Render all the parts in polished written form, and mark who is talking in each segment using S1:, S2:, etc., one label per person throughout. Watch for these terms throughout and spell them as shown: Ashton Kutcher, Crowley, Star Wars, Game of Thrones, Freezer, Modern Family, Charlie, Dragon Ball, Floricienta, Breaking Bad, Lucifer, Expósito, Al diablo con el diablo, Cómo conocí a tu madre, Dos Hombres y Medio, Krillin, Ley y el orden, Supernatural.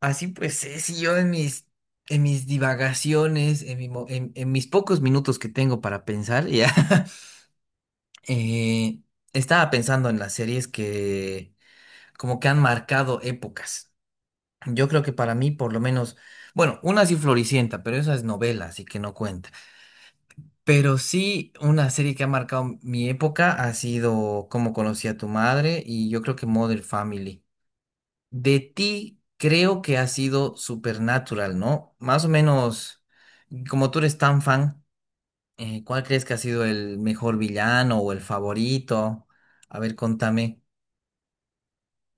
S1: Así pues, si yo en mis divagaciones, en mis pocos minutos que tengo para pensar, ya eh, estaba pensando en las series que como que han marcado épocas. Yo creo que para mí, por lo menos, bueno, una sí Floricienta, pero esa es novela, así que no cuenta. Pero sí, una serie que ha marcado mi época ha sido Cómo conocí a tu madre y yo creo que Modern Family. De ti creo que ha sido Supernatural, ¿no? Más o menos, como tú eres tan fan, ¿cuál crees que ha sido el mejor villano o el favorito? A ver, contame.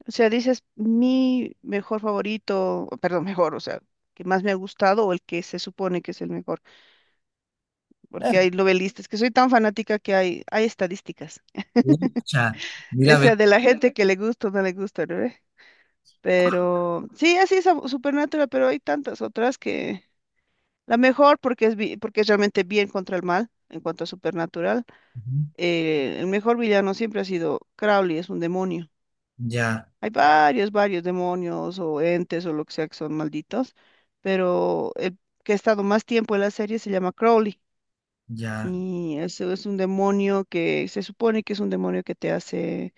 S2: O sea, dices mi mejor favorito, perdón, mejor, o sea, que más me ha gustado o el que se supone que es el mejor, porque hay novelistas, que soy tan fanática que hay estadísticas,
S1: Ucha, mira,
S2: o
S1: a ver.
S2: sea, de la gente que le gusta o no le gusta, ¿no ve? Pero sí, Supernatural, pero hay tantas otras que la mejor porque es realmente bien contra el mal en cuanto a Supernatural.
S1: Ujú.
S2: El mejor villano siempre ha sido Crowley, es un demonio.
S1: Ya,
S2: Hay varios, varios demonios o entes o lo que sea que son malditos, pero el que ha estado más tiempo en la serie se llama Crowley,
S1: ya,
S2: y eso es un demonio que se supone que es un demonio que te hace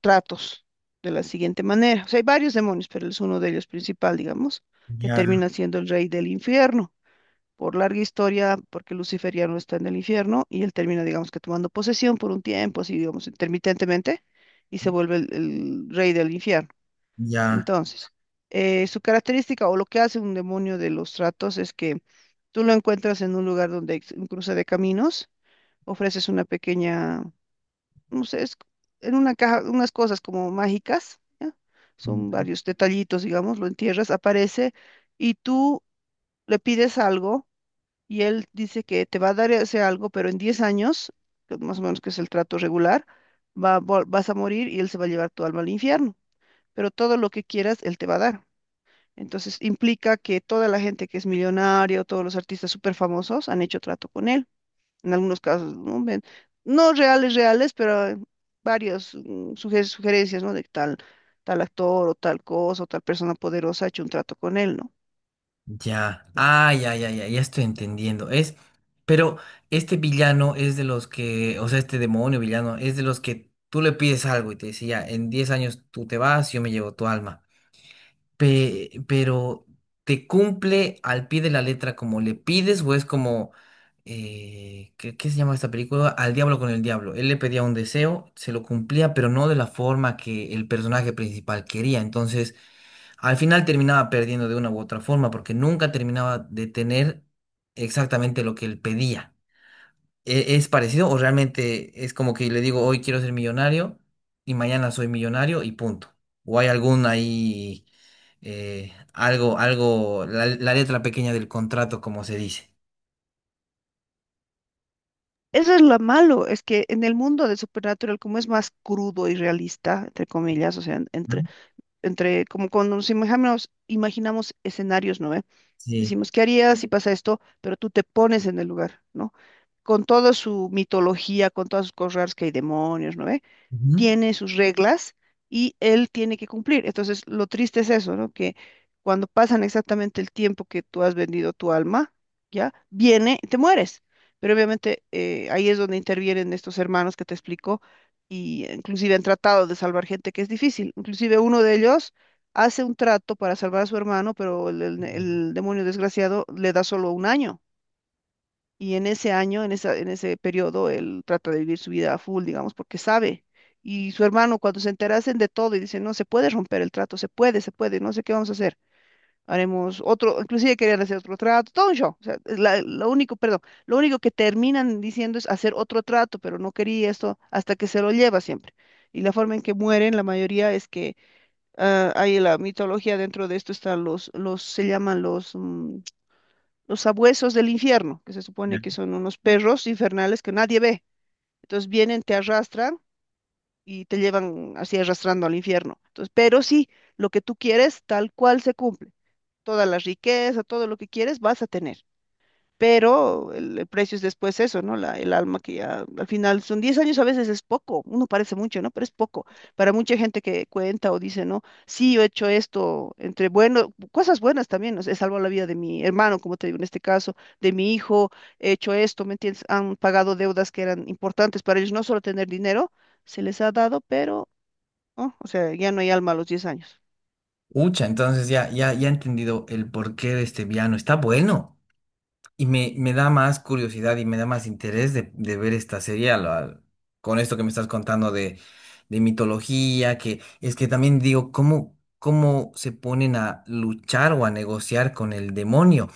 S2: tratos de la siguiente manera. O sea, hay varios demonios, pero él es uno de ellos principal, digamos, que
S1: ya,
S2: termina siendo el rey del infierno. Por larga historia, porque Lucifer ya no está en el infierno y él termina, digamos, que tomando posesión por un tiempo, así digamos, intermitentemente, y se vuelve el rey del infierno.
S1: ya.
S2: Entonces, su característica o lo que hace un demonio de los tratos es que tú lo encuentras en un lugar donde hay un cruce de caminos, ofreces una pequeña, no sé, es en una caja, unas cosas como mágicas, ¿ya? Son varios detallitos, digamos, lo entierras, aparece y tú le pides algo y él dice que te va a dar ese algo, pero en 10 años, que más o menos que es el trato regular, vas a morir y él se va a llevar tu alma al infierno, pero todo lo que quieras, él te va a dar. Entonces implica que toda la gente que es millonario, todos los artistas súper famosos han hecho trato con él. En algunos casos, no, no reales, reales, pero varias sugerencias, ¿no? De que tal, tal actor o tal cosa o tal persona poderosa ha hecho un trato con él, ¿no?
S1: Ya, ah, ya, ya, ya, ya estoy entendiendo. Pero este villano es de los que, o sea, este demonio villano es de los que tú le pides algo y te dice, ya, en 10 años tú te vas, yo me llevo tu alma. Pero, ¿te cumple al pie de la letra como le pides o es como, qué se llama esta película? Al diablo con el diablo. Él le pedía un deseo, se lo cumplía, pero no de la forma que el personaje principal quería. Entonces al final terminaba perdiendo de una u otra forma porque nunca terminaba de tener exactamente lo que él pedía. ¿Es parecido o realmente es como que le digo hoy quiero ser millonario y mañana soy millonario y punto? ¿O hay algún ahí algo, la letra pequeña del contrato, como se dice?
S2: Eso es lo malo, es que en el mundo de Supernatural, como es más crudo y realista, entre comillas, o sea, en- entre,
S1: Ujú.
S2: entre como cuando nos imaginamos escenarios, ¿no ve?
S1: Sí.
S2: Decimos, ¿qué harías si pasa esto? Pero tú te pones en el lugar, ¿no? Con toda su mitología, con todas sus cosas raras que hay demonios, ¿no ve?
S1: Ujú.
S2: Tiene sus reglas y él tiene que cumplir. Entonces, lo triste es eso, ¿no? Que cuando pasan exactamente el tiempo que tú has vendido tu alma, ¿ya? Viene, y te mueres. Pero obviamente ahí es donde intervienen estos hermanos que te explico y inclusive han tratado de salvar gente que es difícil. Inclusive uno de ellos hace un trato para salvar a su hermano, pero el demonio desgraciado le da solo un año. Y en ese año, en ese periodo, él trata de vivir su vida a full, digamos, porque sabe. Y su hermano, cuando se enterasen de todo y dicen, no, se puede romper el trato, se puede, no sé qué vamos a hacer. Haremos otro, inclusive querían hacer otro trato, todo un show. O sea, lo único, perdón, lo único que terminan diciendo es hacer otro trato, pero no quería esto hasta que se lo lleva siempre. Y la forma en que mueren, la mayoría es que hay la mitología dentro de esto, están se llaman los sabuesos del infierno, que se
S1: Ya.
S2: supone que son unos perros infernales que nadie ve. Entonces vienen, te arrastran y te llevan así arrastrando al infierno. Entonces, pero sí, lo que tú quieres, tal cual se cumple. Toda la riqueza, todo lo que quieres, vas a tener, pero el precio es después eso, ¿no? El alma que ya al final son 10 años, a veces es poco, uno parece mucho, ¿no? Pero es poco para mucha gente que cuenta o dice, ¿no? Sí, yo he hecho esto, entre bueno, cosas buenas también, ¿no? He salvado la vida de mi hermano, como te digo, en este caso, de mi hijo, he hecho esto, ¿me entiendes? Han pagado deudas que eran importantes para ellos, no solo tener dinero, se les ha dado, pero, oh, o sea, ya no hay alma a los 10 años.
S1: Ucha, entonces ya, ya, ya he entendido el porqué de este piano. Está bueno. Y me da más curiosidad y me da más interés de ver esta serie con esto que me estás contando de mitología, que es que también digo, cómo se ponen a luchar o a negociar con el demonio?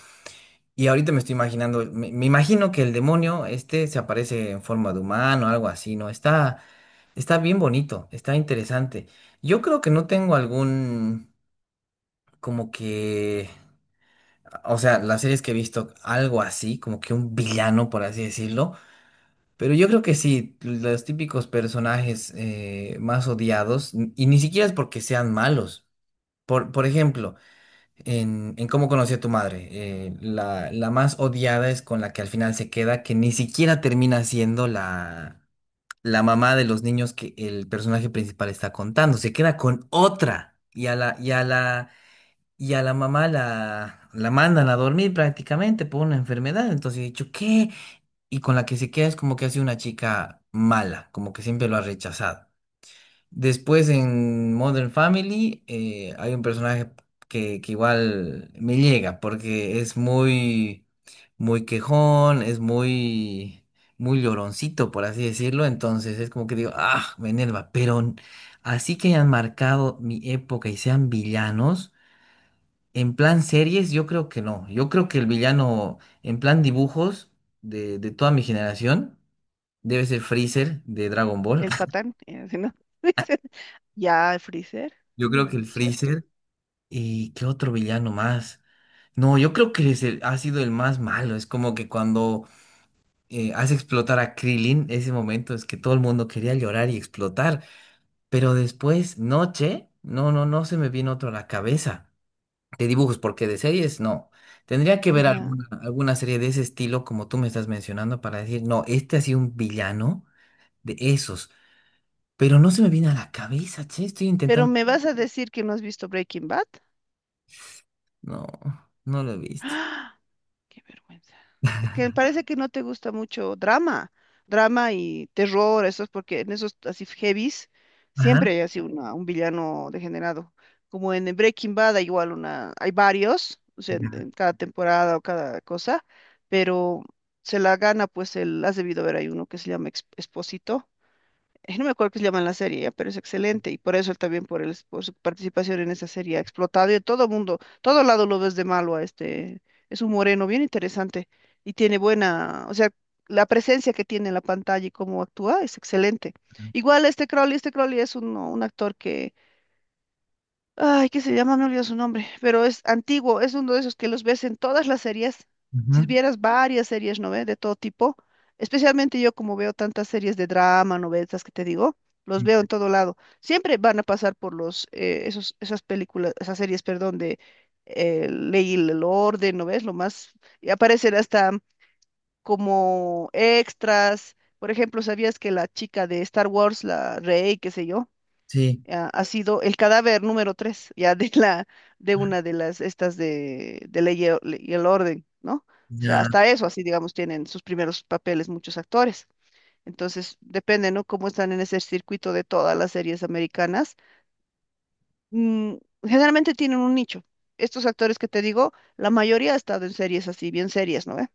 S1: Y ahorita me estoy imaginando, me imagino que el demonio este se aparece en forma de humano, algo así, ¿no? Está, está bien bonito, está interesante. Yo creo que no tengo algún, como que... O sea, las series que he visto, algo así, como que un villano, por así decirlo. Pero yo creo que sí, los típicos personajes más odiados, y ni siquiera es porque sean malos. Por ejemplo, en Cómo conocí a tu madre, la más odiada es con la que al final se queda, que ni siquiera termina siendo la mamá de los niños que el personaje principal está contando. Se queda con otra. Y a la mamá la mandan a dormir prácticamente por una enfermedad. Entonces he dicho, ¿qué? Y con la que se queda es como que ha sido una chica mala, como que siempre lo ha rechazado. Después en Modern Family hay un personaje que igual me llega porque es muy, muy quejón, es muy, muy lloroncito, por así decirlo. Entonces es como que digo, ah, me enerva. Pero así que hayan marcado mi época y sean villanos. En plan series, yo creo que no. Yo creo que el villano, en plan dibujos de toda mi generación, debe ser Freezer de Dragon Ball.
S2: El patán, ¿no? Dice, ya, el freezer,
S1: Yo creo que el
S2: cierto,
S1: Freezer. ¿Y qué otro villano más? No, yo creo que es ha sido el más malo. Es como que cuando hace explotar a Krillin, ese momento es que todo el mundo quería llorar y explotar. Pero después, noche, no se me viene otro a la cabeza. De dibujos, porque de series no. Tendría que ver
S2: ya.
S1: alguna, alguna serie de ese estilo, como tú me estás mencionando, para decir, no, este ha sido un villano de esos. Pero no se me viene a la cabeza, che, estoy
S2: Pero
S1: intentando.
S2: me vas a decir que no has visto Breaking Bad.
S1: No, no lo he visto.
S2: Qué vergüenza. Es que me parece que no te gusta mucho drama, drama y terror. Eso es porque en esos así heavies
S1: Ajá.
S2: siempre hay así una, un villano degenerado. Como en Breaking Bad hay igual una, hay varios, o sea,
S1: Ya.
S2: en cada temporada o cada cosa, pero se la gana, pues el, has debido ver, hay uno que se llama Expósito. No me acuerdo qué se llama la serie, ya, pero es excelente y por eso él también, por su participación en esa serie, ha explotado y todo mundo, todo lado lo ves de malo a este, es un moreno bien interesante y tiene buena, o sea, la presencia que tiene en la pantalla y cómo actúa es excelente. Igual este Crowley es un actor que, ay, ¿qué se llama? Me olvido su nombre, pero es antiguo, es uno de esos que los ves en todas las series. Si
S1: Ujú.
S2: vieras varias series, ¿no ve? De todo tipo. Especialmente yo, como veo tantas series de drama, novelas que te digo, los veo en todo lado. Siempre van a pasar por los, esos, esas películas, esas series, perdón, de Ley y el Orden, ¿no ves? Lo más, y aparecen hasta como extras. Por ejemplo, ¿sabías que la chica de Star Wars, la Rey, qué sé yo?
S1: Sí,
S2: Ha sido el cadáver número tres, ya de la, de una de las estas de, Ley y el Orden, ¿no? O sea,
S1: ya,
S2: hasta eso, así digamos, tienen sus primeros papeles muchos actores. Entonces, depende, ¿no? Cómo están en ese circuito de todas las series americanas, mm, generalmente tienen un nicho. Estos actores que te digo, la mayoría ha estado en series así, bien serias, ¿no ve?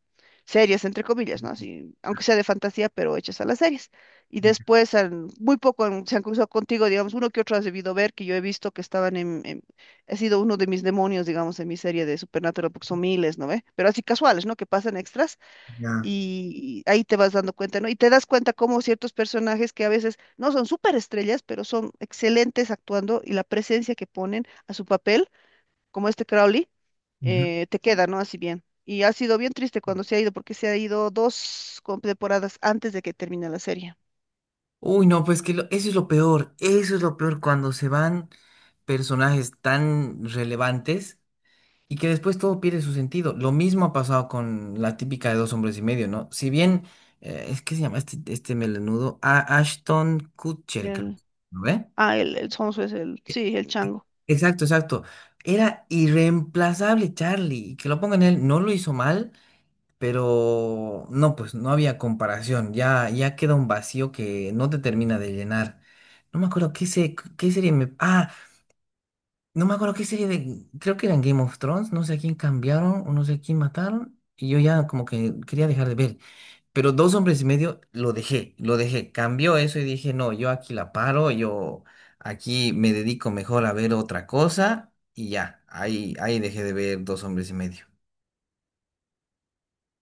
S2: Series, entre comillas, ¿no? Así, aunque sea de fantasía, pero hechas a las series. Y después, muy poco se han cruzado contigo, digamos, uno que otro has debido ver, que yo he visto que estaban en, he sido uno de mis demonios, digamos, en mi serie de Supernatural, porque son miles, ¿no ve? Pero así casuales, ¿no? Que pasan extras
S1: ya.
S2: y ahí te vas dando cuenta, ¿no? Y te das cuenta cómo ciertos personajes que a veces no son estrellas, pero son excelentes actuando y la presencia que ponen a su papel, como este Crowley,
S1: Ujú.
S2: te queda, ¿no? Así bien. Y ha sido bien triste cuando se ha ido, porque se ha ido dos temporadas antes de que termine la serie.
S1: Uy, no, pues que eso es lo peor. Eso es lo peor cuando se van personajes tan relevantes y que después todo pierde su sentido. Lo mismo ha pasado con la típica de Dos Hombres y Medio, ¿no? Si bien, es que se llama este melenudo, Ashton Kutcher, creo,
S2: El,
S1: ¿no ve?
S2: el Sonso es el,
S1: E-
S2: sí, el chango.
S1: Exacto, exacto. Era irreemplazable Charlie. Y que lo pongan él, no lo hizo mal, pero no, pues no había comparación. Ya, ya queda un vacío que no te termina de llenar. No me acuerdo qué serie me... Ah, no me acuerdo qué serie de. Creo que eran Game of Thrones. No sé a quién cambiaron o no sé a quién mataron. Y yo ya como que quería dejar de ver. Pero Dos Hombres y Medio lo dejé, lo dejé. Cambió eso y dije, no, yo aquí la paro. Yo aquí me dedico mejor a ver otra cosa. Y ya, ahí, ahí dejé de ver Dos Hombres y Medio.